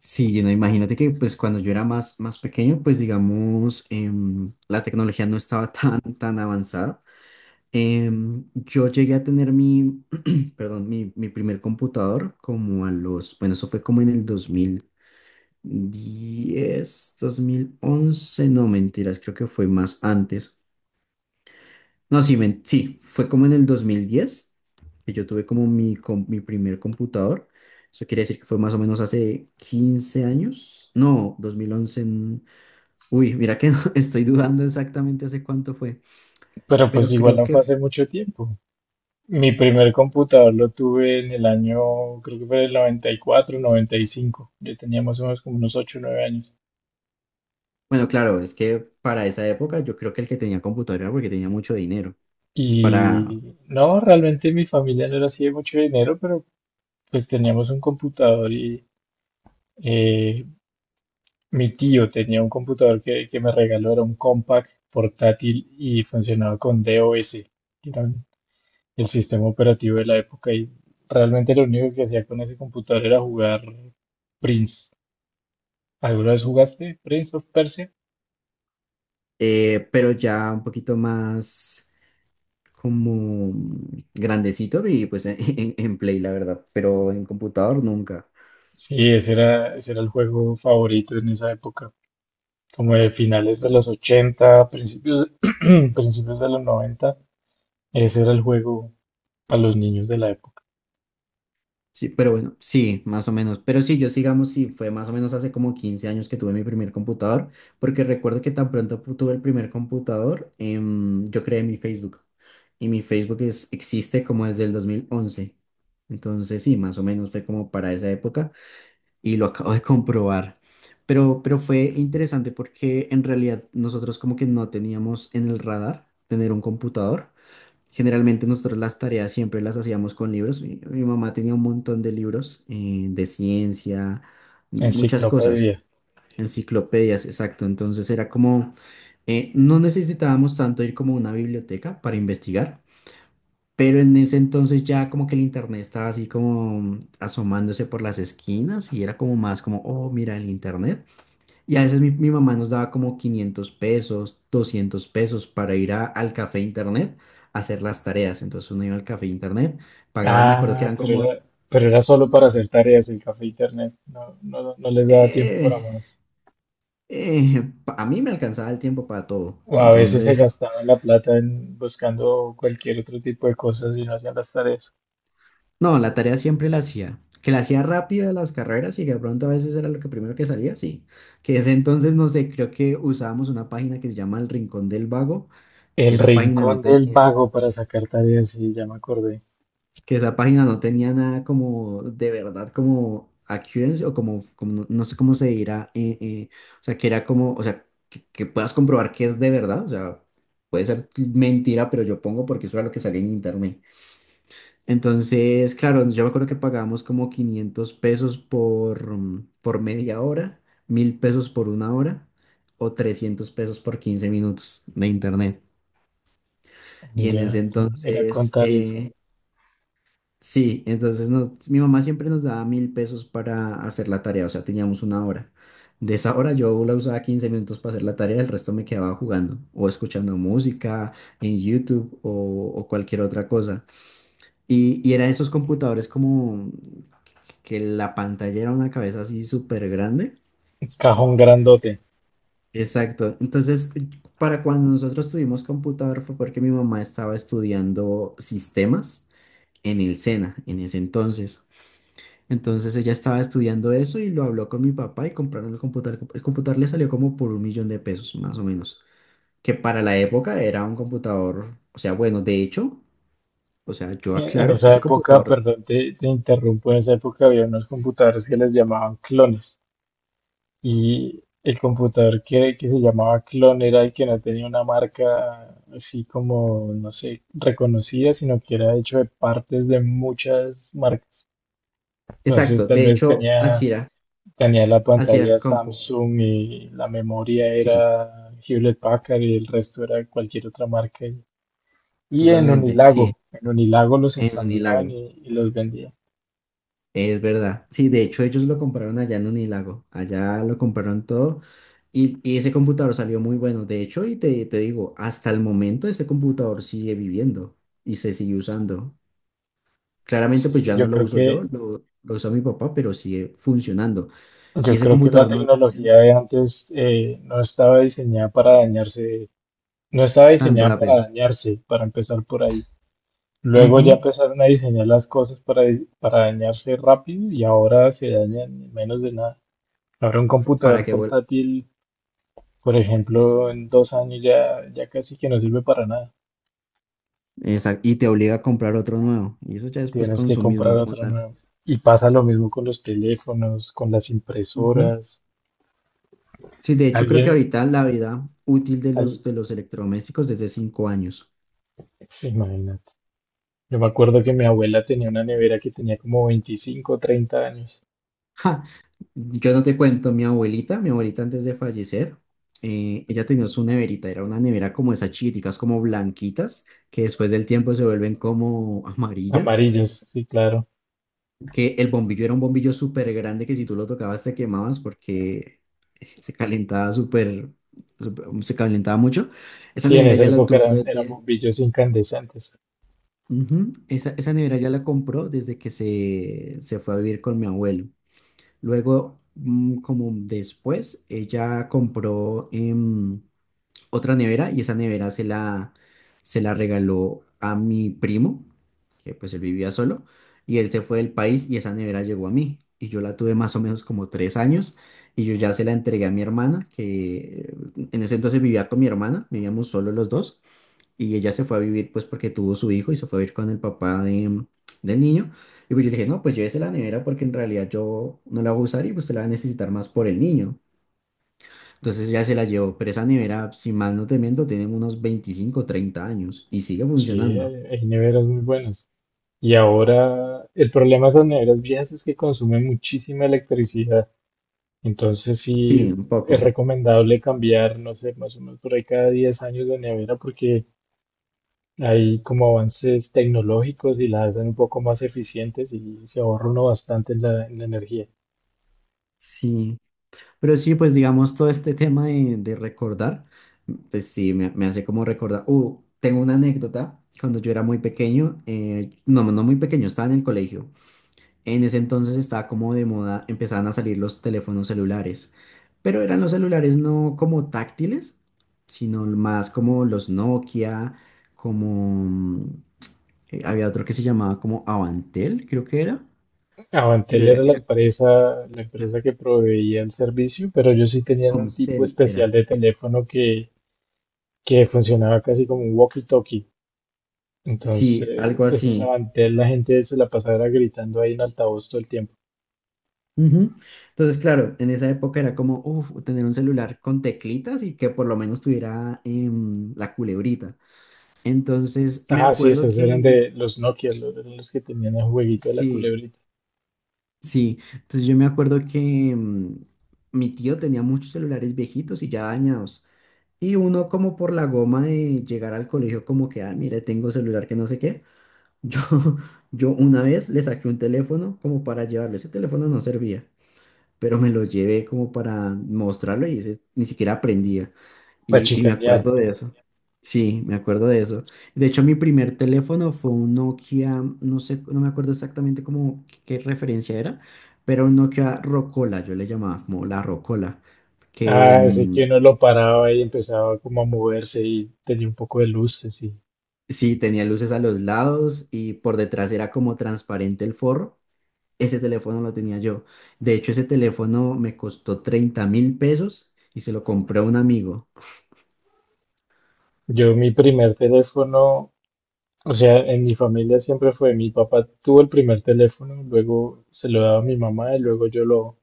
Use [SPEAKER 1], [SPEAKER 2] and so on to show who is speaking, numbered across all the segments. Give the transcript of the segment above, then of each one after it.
[SPEAKER 1] Sí, no, imagínate que pues cuando yo era más pequeño, pues digamos, la tecnología no estaba tan avanzada. Yo llegué a tener mi, perdón, mi primer computador como a los, bueno, eso fue como en el dos dos mil diez 2011 no, mentiras, creo que fue más antes. No, sí, sí, fue como en el 2010 que yo tuve como mi, mi primer computador. Eso quiere decir que fue más o menos hace 15 años. No, 2011. Uy, mira que no, estoy dudando exactamente hace cuánto fue,
[SPEAKER 2] Pero pues
[SPEAKER 1] pero
[SPEAKER 2] igual
[SPEAKER 1] creo
[SPEAKER 2] no fue
[SPEAKER 1] que,
[SPEAKER 2] hace mucho tiempo. Mi primer computador lo tuve en el año, creo que fue el 90 94 95. Ya teníamos unos como unos 8 o 9 años.
[SPEAKER 1] bueno, claro, es que para esa época yo creo que el que tenía computadora era porque tenía mucho dinero. Es Para,
[SPEAKER 2] Y no, realmente mi familia no era así de mucho dinero, pero pues teníamos un computador y eh, mi tío tenía un computador que me regaló, era un compact portátil y funcionaba con DOS, que era el sistema operativo de la época. Y realmente lo único que hacía con ese computador era jugar Prince. ¿Alguna vez jugaste Prince of Persia?
[SPEAKER 1] pero ya un poquito más como grandecito y pues en Play, la verdad, pero en computador nunca.
[SPEAKER 2] Sí, ese era el juego favorito en esa época, como de finales de los 80, principios, principios de los 90. Ese era el juego para los niños de la época.
[SPEAKER 1] Sí, pero bueno, sí, más o menos. Pero sí, yo sigamos, sí, fue más o menos hace como 15 años que tuve mi primer computador, porque recuerdo que tan pronto tuve el primer computador, yo creé mi Facebook. Y mi Facebook es, existe como desde el 2011. Entonces, sí, más o menos fue como para esa época y lo acabo de comprobar. Pero fue interesante porque en realidad nosotros como que no teníamos en el radar tener un computador. Generalmente nosotros las tareas siempre las hacíamos con libros. Mi mamá tenía un montón de libros de ciencia, muchas cosas,
[SPEAKER 2] Enciclopedia.
[SPEAKER 1] enciclopedias, exacto. Entonces era como, no necesitábamos tanto ir como a una biblioteca para investigar, pero en ese entonces ya como que el internet estaba así como asomándose por las esquinas y era como más como, oh, mira el internet. Y a veces mi mamá nos daba como 500 pesos, 200 pesos para ir al café internet a hacer las tareas. Entonces uno iba al café internet, pagaba, me acuerdo que
[SPEAKER 2] Ah,
[SPEAKER 1] eran
[SPEAKER 2] pero
[SPEAKER 1] como...
[SPEAKER 2] era, pero era solo para hacer tareas el café e internet. No, no, no les daba tiempo para
[SPEAKER 1] eh,
[SPEAKER 2] más.
[SPEAKER 1] a mí me alcanzaba el tiempo para todo.
[SPEAKER 2] O a veces se
[SPEAKER 1] Entonces,
[SPEAKER 2] gastaban la plata en buscando cualquier otro tipo de cosas y no hacían las tareas.
[SPEAKER 1] no, la tarea siempre la hacía. Que la hacía rápido de las carreras y que de pronto a veces era lo que primero que salía, sí. Que ese entonces, no sé, creo que usábamos una página que se llama El Rincón del Vago, que
[SPEAKER 2] El
[SPEAKER 1] esa página no
[SPEAKER 2] rincón del
[SPEAKER 1] tenía.
[SPEAKER 2] vago para sacar tareas, sí, ya me acordé.
[SPEAKER 1] que esa página no tenía nada como de verdad como accuracy o como, como no, no sé cómo se dirá, o sea, que era como, o sea, que puedas comprobar que es de verdad, o sea, puede ser mentira, pero yo pongo porque eso era lo que salía en internet. Entonces, claro, yo me acuerdo que pagábamos como 500 pesos por, por 1/2 hora, 1000 pesos por una hora o 300 pesos por 15 minutos de internet. Y en
[SPEAKER 2] Ya,
[SPEAKER 1] ese
[SPEAKER 2] era, era con
[SPEAKER 1] entonces,
[SPEAKER 2] tarifa.
[SPEAKER 1] sí, entonces mi mamá siempre nos daba 1000 pesos para hacer la tarea, o sea, teníamos una hora. De esa hora yo la usaba 15 minutos para hacer la tarea, el resto me quedaba jugando o escuchando música en YouTube o cualquier otra cosa. Y eran esos computadores como que la pantalla era una cabeza así súper grande.
[SPEAKER 2] Cajón grandote.
[SPEAKER 1] Exacto. Entonces, para cuando nosotros tuvimos computador fue porque mi mamá estaba estudiando sistemas en el SENA en ese entonces. Entonces ella estaba estudiando eso y lo habló con mi papá y compraron el computador. El computador le salió como por 1.000.000 de pesos, más o menos, que para la época era un computador, o sea, bueno, de hecho, o sea, yo
[SPEAKER 2] En
[SPEAKER 1] aclaro,
[SPEAKER 2] esa
[SPEAKER 1] ese
[SPEAKER 2] época,
[SPEAKER 1] computador,
[SPEAKER 2] perdón, te interrumpo, en esa época había unos computadores que les llamaban clones. Y el computador que se llamaba clon era el que no tenía una marca así como, no sé, reconocida, sino que era hecho de partes de muchas marcas. Entonces,
[SPEAKER 1] exacto,
[SPEAKER 2] tal
[SPEAKER 1] de
[SPEAKER 2] vez
[SPEAKER 1] hecho,
[SPEAKER 2] tenía, tenía la
[SPEAKER 1] así era
[SPEAKER 2] pantalla
[SPEAKER 1] el compu,
[SPEAKER 2] Samsung y la memoria
[SPEAKER 1] sí,
[SPEAKER 2] era Hewlett Packard y el resto era cualquier otra marca. Y
[SPEAKER 1] totalmente, sí,
[SPEAKER 2] En Unilago los
[SPEAKER 1] en
[SPEAKER 2] ensamblaban
[SPEAKER 1] Unilag.
[SPEAKER 2] y los vendían.
[SPEAKER 1] Es verdad. Sí, de hecho ellos lo compraron allá en Unilago. Allá lo compraron todo y ese computador salió muy bueno. De hecho, y te digo, hasta el momento ese computador sigue viviendo y se sigue usando. Claramente pues
[SPEAKER 2] Sí,
[SPEAKER 1] ya no lo uso yo, lo usa mi papá, pero sigue funcionando. Y
[SPEAKER 2] yo
[SPEAKER 1] ese
[SPEAKER 2] creo que la
[SPEAKER 1] computador no le
[SPEAKER 2] tecnología
[SPEAKER 1] hacen
[SPEAKER 2] de antes no estaba diseñada para dañarse, no estaba
[SPEAKER 1] tan
[SPEAKER 2] diseñada para
[SPEAKER 1] rápido.
[SPEAKER 2] dañarse, para empezar por ahí. Luego ya
[SPEAKER 1] Ujú.
[SPEAKER 2] empezaron a diseñar las cosas para, para dañarse rápido y ahora se dañan en menos de nada. Ahora un
[SPEAKER 1] Para
[SPEAKER 2] computador
[SPEAKER 1] que vuelva.
[SPEAKER 2] portátil, por ejemplo, en 2 años ya, ya casi que no sirve para nada.
[SPEAKER 1] Exacto. Y te obliga a comprar otro nuevo. Y eso ya es pues
[SPEAKER 2] Tienes que
[SPEAKER 1] consumismo
[SPEAKER 2] comprar
[SPEAKER 1] como
[SPEAKER 2] otra
[SPEAKER 1] tal.
[SPEAKER 2] nueva. Y pasa lo mismo con los teléfonos, con las impresoras.
[SPEAKER 1] Sí, de hecho creo que
[SPEAKER 2] Alguien,
[SPEAKER 1] ahorita la vida útil
[SPEAKER 2] al-
[SPEAKER 1] de los electrodomésticos es de 5 años.
[SPEAKER 2] imagínate. Yo me acuerdo que mi abuela tenía una nevera que tenía como 25 o 30 años.
[SPEAKER 1] Ja, yo no te cuento, mi abuelita antes de fallecer, ella tenía su neverita, era una nevera como esas chiquiticas, como blanquitas, que después del tiempo se vuelven como amarillas,
[SPEAKER 2] Amarillas, sí, claro.
[SPEAKER 1] que el bombillo era un bombillo súper grande que si tú lo tocabas te quemabas porque se calentaba súper, se calentaba mucho. Esa
[SPEAKER 2] Sí, en
[SPEAKER 1] nevera
[SPEAKER 2] esa
[SPEAKER 1] ya la
[SPEAKER 2] época
[SPEAKER 1] tuvo
[SPEAKER 2] eran
[SPEAKER 1] desde...
[SPEAKER 2] bombillos incandescentes.
[SPEAKER 1] Ujú. Esa nevera ya la compró desde que se fue a vivir con mi abuelo. Luego, como después, ella compró otra nevera y esa nevera se la regaló a mi primo, que pues él vivía solo, y él se fue del país y esa nevera llegó a mí. Y yo la tuve más o menos como 3 años y yo ya se la entregué a mi hermana, que en ese entonces vivía con mi hermana, vivíamos solo los dos. Y ella se fue a vivir, pues, porque tuvo su hijo y se fue a vivir con el papá de, del niño. Y pues yo le dije, no, pues llévese la nevera porque en realidad yo no la voy a usar y pues se la va a necesitar más por el niño. Entonces ya se la llevó, pero esa nevera, si mal no te miento, tiene unos 25 o 30 años y sigue
[SPEAKER 2] Sí, hay,
[SPEAKER 1] funcionando.
[SPEAKER 2] hay neveras muy buenas. Y ahora el problema de esas neveras viejas es que consumen muchísima electricidad. Entonces sí
[SPEAKER 1] Sí, un
[SPEAKER 2] es
[SPEAKER 1] poco.
[SPEAKER 2] recomendable cambiar, no sé, más o menos por ahí cada 10 años de nevera porque hay como avances tecnológicos y la hacen un poco más eficientes y se ahorra uno bastante en la energía.
[SPEAKER 1] Sí. Pero sí, pues digamos, todo este tema de recordar, pues sí, me hace como recordar. Tengo una anécdota. Cuando yo era muy pequeño, no, no muy pequeño, estaba en el colegio. En ese entonces estaba como de moda, empezaban a salir los teléfonos celulares, pero eran los celulares no como táctiles, sino más como los Nokia, como había otro que se llamaba como Avantel, creo que era, pero
[SPEAKER 2] Avantel era
[SPEAKER 1] era
[SPEAKER 2] la empresa que proveía el servicio, pero ellos sí tenían un tipo
[SPEAKER 1] Comcel, era.
[SPEAKER 2] especial de teléfono que funcionaba casi como un walkie-talkie.
[SPEAKER 1] Sí,
[SPEAKER 2] Entonces,
[SPEAKER 1] algo
[SPEAKER 2] esos
[SPEAKER 1] así.
[SPEAKER 2] Avantel, la gente se la pasaba gritando ahí en altavoz todo el tiempo.
[SPEAKER 1] Ujú. Entonces, claro, en esa época era como, uff, tener un celular con teclitas y que por lo menos tuviera la culebrita. Entonces, me
[SPEAKER 2] Ah, sí,
[SPEAKER 1] acuerdo
[SPEAKER 2] esos
[SPEAKER 1] que,
[SPEAKER 2] eran de los Nokia, los, eran los que tenían el jueguito de la
[SPEAKER 1] sí,
[SPEAKER 2] culebrita,
[SPEAKER 1] sí, entonces yo me acuerdo que mi tío tenía muchos celulares viejitos y ya dañados. Y uno como por la goma de llegar al colegio como que, ah, mire, tengo celular que no sé qué. Yo, yo una vez le saqué un teléfono como para llevarlo. Ese teléfono no servía, pero me lo llevé como para mostrarlo y ese ni siquiera aprendía.
[SPEAKER 2] para
[SPEAKER 1] Y me
[SPEAKER 2] chicanear.
[SPEAKER 1] acuerdo de eso. Sí, me acuerdo de eso. De hecho, mi primer teléfono fue un Nokia, no sé, no me acuerdo exactamente cómo, qué referencia era, pero un Nokia Rocola, yo le llamaba como la Rocola, que
[SPEAKER 2] Ah, ese que uno lo paraba y empezaba como a moverse y tenía un poco de luces y...
[SPEAKER 1] sí tenía luces a los lados y por detrás era como transparente el forro. Ese teléfono lo tenía yo. De hecho, ese teléfono me costó 30.000 pesos y se lo compré a un amigo.
[SPEAKER 2] Yo mi primer teléfono, o sea, en mi familia siempre fue, mi papá tuvo el primer teléfono, luego se lo daba a mi mamá y luego yo lo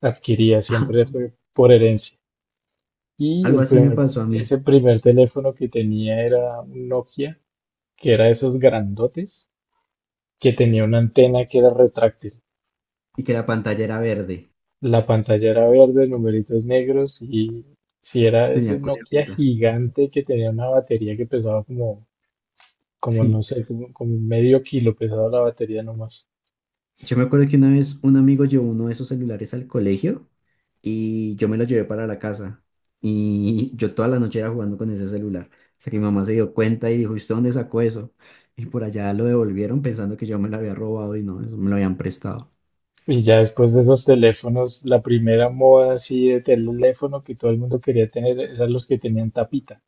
[SPEAKER 2] adquiría, siempre fue por herencia. Y
[SPEAKER 1] Algo
[SPEAKER 2] el
[SPEAKER 1] así me
[SPEAKER 2] primer,
[SPEAKER 1] pasó a mí.
[SPEAKER 2] ese primer teléfono que tenía era un Nokia, que era esos grandotes, que tenía una antena que era retráctil.
[SPEAKER 1] Y que la pantalla era verde.
[SPEAKER 2] La pantalla era verde, numeritos negros y si era ese
[SPEAKER 1] Tenía
[SPEAKER 2] Nokia
[SPEAKER 1] cuerpita.
[SPEAKER 2] gigante que tenía una batería que pesaba como, como no
[SPEAKER 1] Sí,
[SPEAKER 2] sé, como, como medio kilo pesaba la batería nomás.
[SPEAKER 1] yo me acuerdo que una vez un amigo llevó uno de esos celulares al colegio y yo me lo llevé para la casa y yo toda la noche era jugando con ese celular hasta que mi mamá se dio cuenta y dijo, ¿usted dónde sacó eso? Y por allá lo devolvieron pensando que yo me lo había robado y no, eso me lo habían prestado.
[SPEAKER 2] Y ya después de esos teléfonos, la primera moda así de teléfono que todo el mundo quería tener eran los que tenían tapita.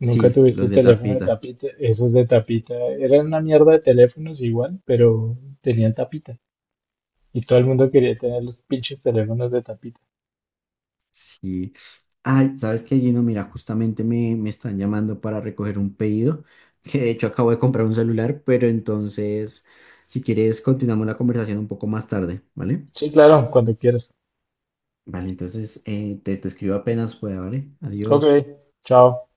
[SPEAKER 2] Nunca
[SPEAKER 1] Sí,
[SPEAKER 2] tuviste
[SPEAKER 1] los de
[SPEAKER 2] teléfono de
[SPEAKER 1] tapita,
[SPEAKER 2] tapita, esos de tapita eran una mierda de teléfonos igual, pero tenían tapita. Y todo el mundo quería tener los pinches teléfonos de tapita.
[SPEAKER 1] sí. Ay, ¿sabes qué, Gino? Mira, justamente me, me están llamando para recoger un pedido, que de hecho acabo de comprar un celular, pero entonces, si quieres, continuamos la conversación un poco más tarde, ¿vale?
[SPEAKER 2] Sí, claro, cuando quieras.
[SPEAKER 1] Vale, entonces te, te escribo apenas pueda, ¿vale?
[SPEAKER 2] Ok,
[SPEAKER 1] Adiós.
[SPEAKER 2] chao.